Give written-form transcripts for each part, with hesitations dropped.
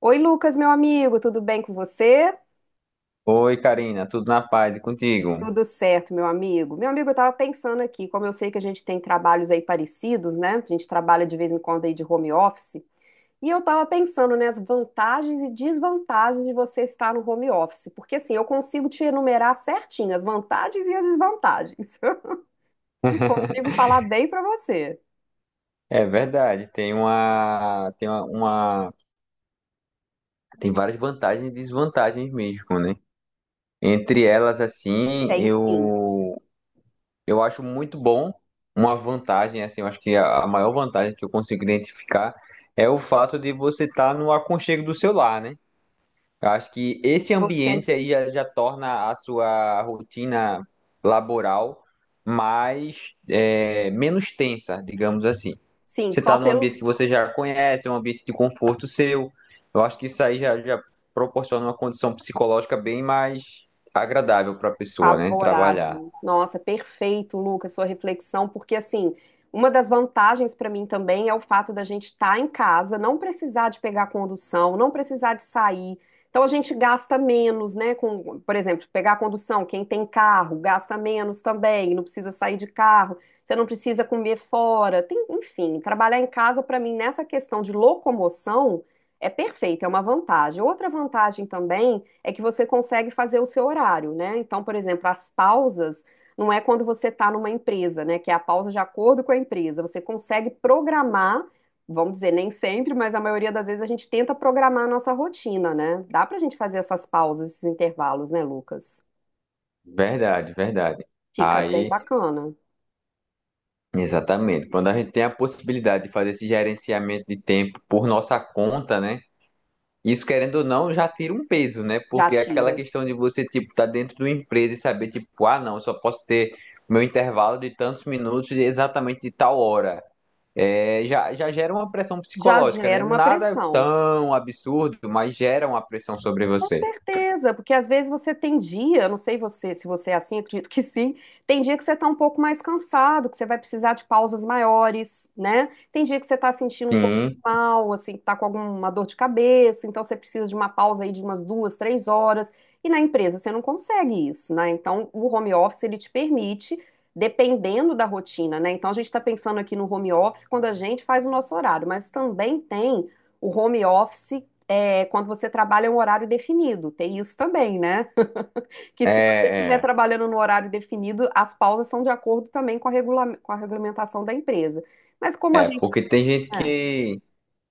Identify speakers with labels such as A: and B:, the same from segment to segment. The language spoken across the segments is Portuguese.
A: Oi, Lucas, meu amigo, tudo bem com você?
B: Oi, Karina, tudo na paz e contigo?
A: Tudo certo, meu amigo. Meu amigo, eu estava pensando aqui, como eu sei que a gente tem trabalhos aí parecidos, né? A gente trabalha de vez em quando aí de home office. E eu estava pensando, né, as vantagens e desvantagens de você estar no home office. Porque assim, eu consigo te enumerar certinho as vantagens e as desvantagens. Consigo falar bem para você.
B: É verdade, tem várias vantagens e desvantagens mesmo, né? Entre elas, assim,
A: Tem sim.
B: eu acho muito bom uma vantagem, assim, eu acho que a maior vantagem que eu consigo identificar é o fato de você estar no aconchego do seu lar, né? Eu acho que esse
A: Você,
B: ambiente aí já torna a sua rotina laboral mais, menos tensa, digamos assim.
A: sim,
B: Você
A: só
B: está num
A: pelo
B: ambiente que você já conhece, é um ambiente de conforto seu. Eu acho que isso aí já proporciona uma condição psicológica bem mais agradável para a pessoa, né? Trabalhar.
A: favorável. Nossa, perfeito, Lucas, sua reflexão, porque assim, uma das vantagens para mim também é o fato da gente estar em casa, não precisar de pegar condução, não precisar de sair. Então a gente gasta menos, né? Com, por exemplo, pegar condução, quem tem carro gasta menos também, não precisa sair de carro, você não precisa comer fora. Enfim, trabalhar em casa para mim nessa questão de locomoção é perfeito, é uma vantagem. Outra vantagem também é que você consegue fazer o seu horário, né? Então, por exemplo, as pausas não é quando você está numa empresa, né? Que é a pausa de acordo com a empresa. Você consegue programar, vamos dizer, nem sempre, mas a maioria das vezes a gente tenta programar a nossa rotina, né? Dá pra gente fazer essas pausas, esses intervalos, né, Lucas?
B: Verdade, verdade.
A: Fica ah, bem
B: Aí,
A: bacana.
B: exatamente. Quando a gente tem a possibilidade de fazer esse gerenciamento de tempo por nossa conta, né? Isso, querendo ou não, já tira um peso, né?
A: Já
B: Porque é aquela
A: tira.
B: questão de você, tipo, tá dentro de uma empresa e saber, tipo, ah, não, eu só posso ter meu intervalo de tantos minutos de exatamente de tal hora. É, já gera uma pressão
A: Já
B: psicológica, né?
A: gera uma
B: Nada
A: pressão.
B: tão absurdo, mas gera uma pressão sobre
A: Com
B: você.
A: certeza, porque às vezes você tem dia, eu não sei você, se você é assim, acredito que sim, tem dia que você está um pouco mais cansado, que você vai precisar de pausas maiores, né? Tem dia que você está sentindo um pouco
B: Sim.
A: mal, assim, que está com alguma dor de cabeça, então você precisa de uma pausa aí de umas duas, três horas, e na empresa você não consegue isso, né? Então o home office ele te permite, dependendo da rotina, né? Então a gente está pensando aqui no home office quando a gente faz o nosso horário, mas também tem o home office é, quando você trabalha em um horário definido. Tem isso também, né? Que se você estiver
B: É, é,
A: trabalhando no horário definido, as pausas são de acordo também com a, com a regulamentação da empresa. Mas como a
B: é,
A: gente.
B: porque
A: É,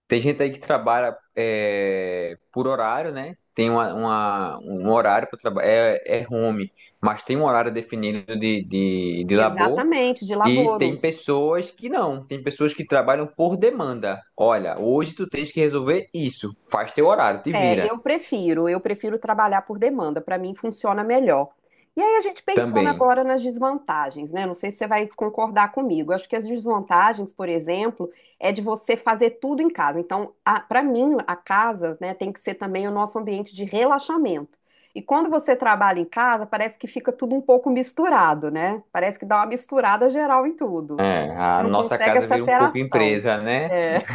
B: tem gente aí que trabalha por horário, né? Tem um horário para trabalhar, é home, mas tem um horário definido de labor.
A: exatamente, de
B: E tem
A: laboro.
B: pessoas que não, tem pessoas que trabalham por demanda. Olha, hoje tu tens que resolver isso, faz teu horário, te
A: É,
B: vira
A: eu prefiro trabalhar por demanda, para mim funciona melhor. E aí a gente pensando
B: também.
A: agora nas desvantagens, né? Não sei se você vai concordar comigo. Acho que as desvantagens, por exemplo, é de você fazer tudo em casa. Então, para mim, a casa, né, tem que ser também o nosso ambiente de relaxamento. E quando você trabalha em casa, parece que fica tudo um pouco misturado, né? Parece que dá uma misturada geral em tudo.
B: É,
A: Você
B: a
A: não
B: nossa
A: consegue essa
B: casa vira um pouco
A: separação.
B: empresa, né?
A: É.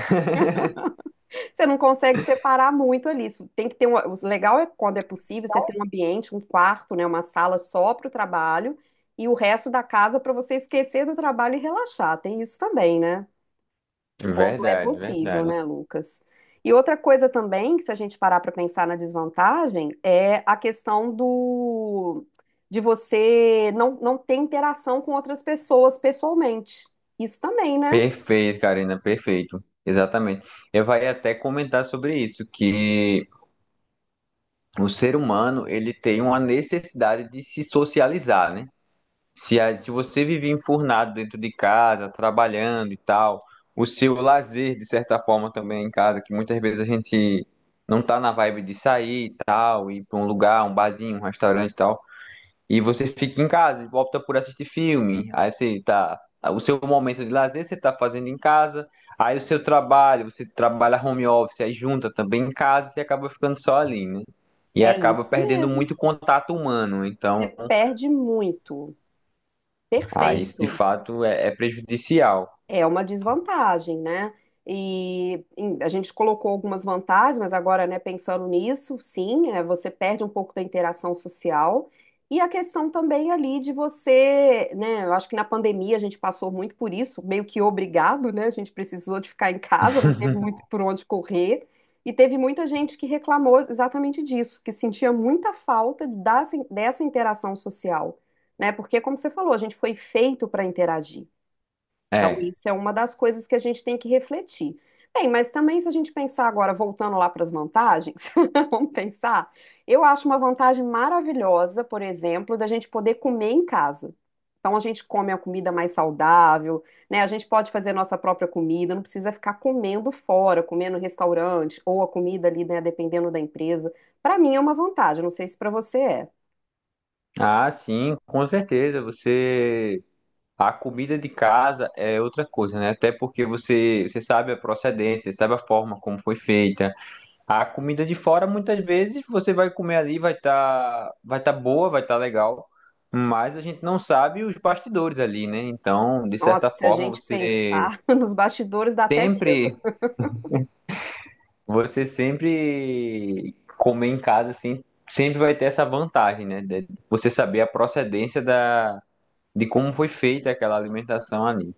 A: Você não consegue separar muito ali. Isso tem que ter um, o legal é quando é possível você ter um ambiente, um quarto, né, uma sala só para o trabalho e o resto da casa para você esquecer do trabalho e relaxar. Tem isso também, né? Quando é
B: Verdade,
A: possível,
B: verdade.
A: né, Lucas? E outra coisa também, que se a gente parar para pensar na desvantagem, é a questão do de você não ter interação com outras pessoas pessoalmente. Isso também, né?
B: Perfeito, Karina, perfeito. Exatamente. Eu vai até comentar sobre isso, que o ser humano, ele tem uma necessidade de se socializar, né? Se você vive enfurnado dentro de casa, trabalhando e tal, o seu lazer, de certa forma, também é em casa, que muitas vezes a gente não tá na vibe de sair e tal, ir para um lugar, um barzinho, um restaurante e tal. E você fica em casa, e opta por assistir filme. Aí você tá. O seu momento de lazer você tá fazendo em casa. Aí o seu trabalho, você trabalha home office, aí junta também em casa, você acaba ficando só ali, né? E
A: É
B: acaba
A: isso
B: perdendo muito
A: mesmo.
B: contato humano.
A: Você
B: Então,
A: perde muito.
B: ah, isso de
A: Perfeito.
B: fato é prejudicial.
A: É uma desvantagem, né? A gente colocou algumas vantagens, mas agora, né, pensando nisso, sim, é, você perde um pouco da interação social. E a questão também ali de você, né, eu acho que na pandemia a gente passou muito por isso, meio que obrigado, né? A gente precisou de ficar em casa, não teve muito por onde correr. E teve muita gente que reclamou exatamente disso, que sentia muita falta dessa interação social, né? Porque, como você falou, a gente foi feito para interagir. Então,
B: É.
A: isso é uma das coisas que a gente tem que refletir. Bem, mas também se a gente pensar agora, voltando lá para as vantagens, vamos pensar, eu acho uma vantagem maravilhosa, por exemplo, da gente poder comer em casa. Então a gente come a comida mais saudável, né? A gente pode fazer nossa própria comida, não precisa ficar comendo fora, comendo em restaurante ou a comida ali, né, dependendo da empresa. Para mim é uma vantagem, não sei se para você é.
B: Ah, sim, com certeza. Você. A comida de casa é outra coisa, né? Até porque você, você sabe a procedência, você sabe a forma como foi feita. A comida de fora, muitas vezes, você vai comer ali, vai tá boa, vai estar legal, mas a gente não sabe os bastidores ali, né? Então, de
A: Nossa,
B: certa
A: se a
B: forma,
A: gente pensar nos bastidores dá até medo.
B: sempre, você sempre comer em casa, assim, sempre vai ter essa vantagem, né? De você saber a procedência de como foi feita aquela alimentação ali.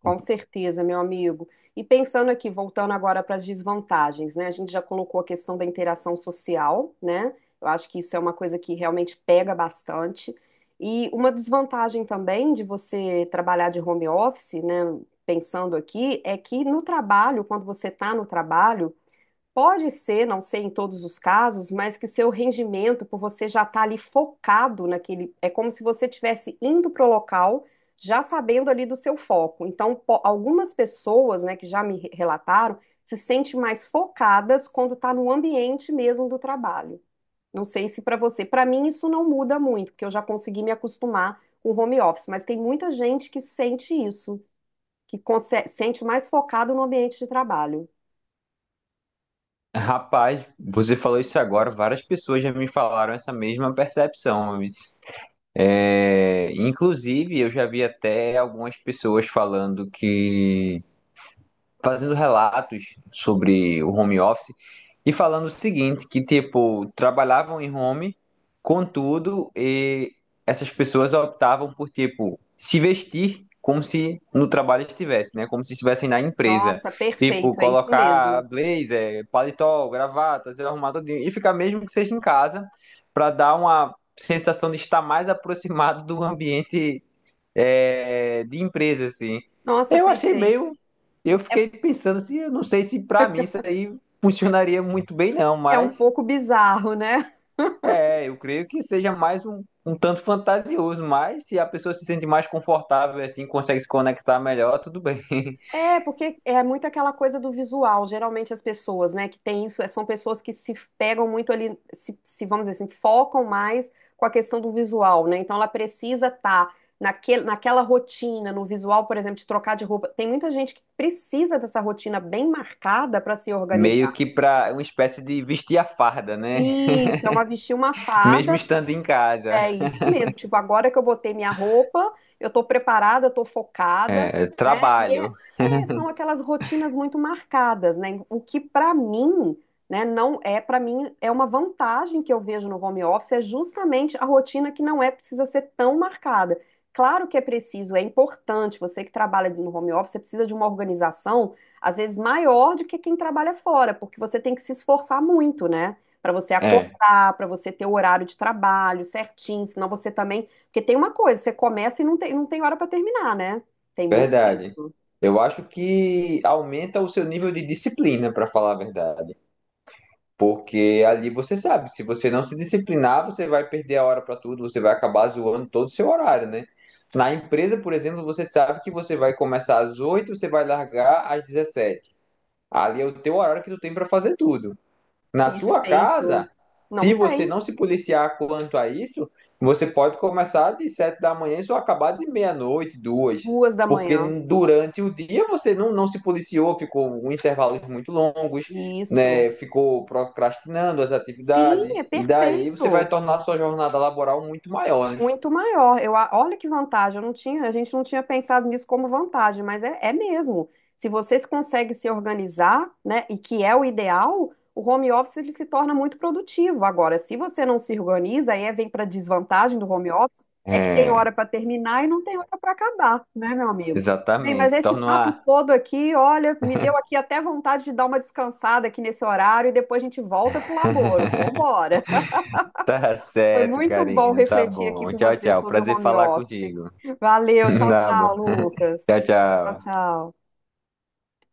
A: Com certeza, meu amigo. E pensando aqui, voltando agora para as desvantagens, né? A gente já colocou a questão da interação social, né? Eu acho que isso é uma coisa que realmente pega bastante. E uma desvantagem também de você trabalhar de home office, né? Pensando aqui, é que no trabalho, quando você está no trabalho, pode ser, não sei em todos os casos, mas que o seu rendimento, por você já estar ali focado naquele, é como se você estivesse indo para o local, já sabendo ali do seu foco. Então, algumas pessoas, né, que já me relataram, se sentem mais focadas quando está no ambiente mesmo do trabalho. Não sei se para você, para mim isso não muda muito, porque eu já consegui me acostumar com o home office, mas tem muita gente que sente isso, que sente mais focado no ambiente de trabalho.
B: Rapaz, você falou isso agora, várias pessoas já me falaram essa mesma percepção. É, inclusive, eu já vi até algumas pessoas falando que fazendo relatos sobre o home office e falando o seguinte, que tipo, trabalhavam em home, contudo, e essas pessoas optavam por tipo se vestir como se no trabalho estivesse, né? Como se estivessem na empresa.
A: Nossa,
B: Tipo,
A: perfeito, é isso
B: colocar
A: mesmo.
B: blazer, paletó, gravata, ser arrumado todinho, e ficar mesmo que seja em casa, para dar uma sensação de estar mais aproximado do ambiente de empresa, assim.
A: Nossa,
B: Eu achei
A: perfeito.
B: meio. Eu
A: É,
B: fiquei pensando assim, eu não sei se para mim isso aí funcionaria muito bem, não,
A: é um
B: mas
A: pouco bizarro, né?
B: eu creio que seja mais um tanto fantasioso, mas se a pessoa se sente mais confortável, assim, consegue se conectar melhor, tudo bem.
A: É, porque é muito aquela coisa do visual. Geralmente as pessoas, né, que tem isso, são pessoas que se pegam muito ali, se, vamos dizer assim, focam mais com a questão do visual, né? Então ela precisa estar naquele, naquela rotina, no visual, por exemplo, de trocar de roupa. Tem muita gente que precisa dessa rotina bem marcada para se
B: Meio
A: organizar.
B: que para uma espécie de vestir a farda, né?
A: Isso, é uma vestir uma
B: Mesmo
A: farda.
B: estando em casa.
A: É isso mesmo. Tipo, agora que eu botei minha roupa, eu tô preparada, eu tô focada,
B: É,
A: né? E é,
B: trabalho.
A: é, são aquelas rotinas muito marcadas, né? O que pra mim, né, não é pra mim é uma vantagem que eu vejo no home office é justamente a rotina que não é precisa ser tão marcada. Claro que é preciso, é importante. Você que trabalha no home office, você precisa de uma organização às vezes maior do que quem trabalha fora, porque você tem que se esforçar muito, né? Para você
B: É,
A: Para você ter o horário de trabalho certinho, senão você também. Porque tem uma coisa, você começa e não tem, não tem hora para terminar, né? Tem muito
B: verdade.
A: isso.
B: Eu acho que aumenta o seu nível de disciplina, para falar a verdade. Porque ali você sabe, se você não se disciplinar, você vai perder a hora para tudo, você vai acabar zoando todo o seu horário, né? Na empresa, por exemplo, você sabe que você vai começar às 8h, você vai largar às 17h. Ali é o teu horário que tu tem para fazer tudo. Na sua casa,
A: Perfeito. Não
B: se você
A: tem.
B: não se policiar quanto a isso, você pode começar de 7h da manhã e só acabar de meia-noite, 2h.
A: Duas da
B: Porque
A: manhã.
B: durante o dia você não se policiou, ficou com intervalos muito longos,
A: Isso.
B: né? Ficou procrastinando as
A: Sim, é
B: atividades, e daí você vai
A: perfeito.
B: tornar a sua jornada laboral muito maior, né?
A: Muito maior. Eu, olha que vantagem, eu não tinha, a gente não tinha pensado nisso como vantagem, mas é, é mesmo. Se vocês conseguem se organizar, né, e que é o ideal, o home office ele se torna muito produtivo. Agora, se você não se organiza, vem para desvantagem do home office, é que tem
B: É,
A: hora para terminar e não tem hora para acabar, né, meu amigo? Bem, mas
B: exatamente. Se
A: esse
B: torna
A: papo
B: uma...
A: todo aqui, olha, me deu aqui até vontade de dar uma descansada aqui nesse horário e depois a gente volta pro laboro. Vambora!
B: Tá
A: Foi
B: certo,
A: muito bom
B: Karina. Tá
A: refletir aqui
B: bom.
A: com
B: Tchau,
A: você
B: tchau.
A: sobre o
B: Prazer
A: home
B: falar
A: office.
B: contigo.
A: Valeu, tchau,
B: Tá
A: tchau,
B: bom. Tchau,
A: Lucas. Tchau,
B: tchau.
A: tchau.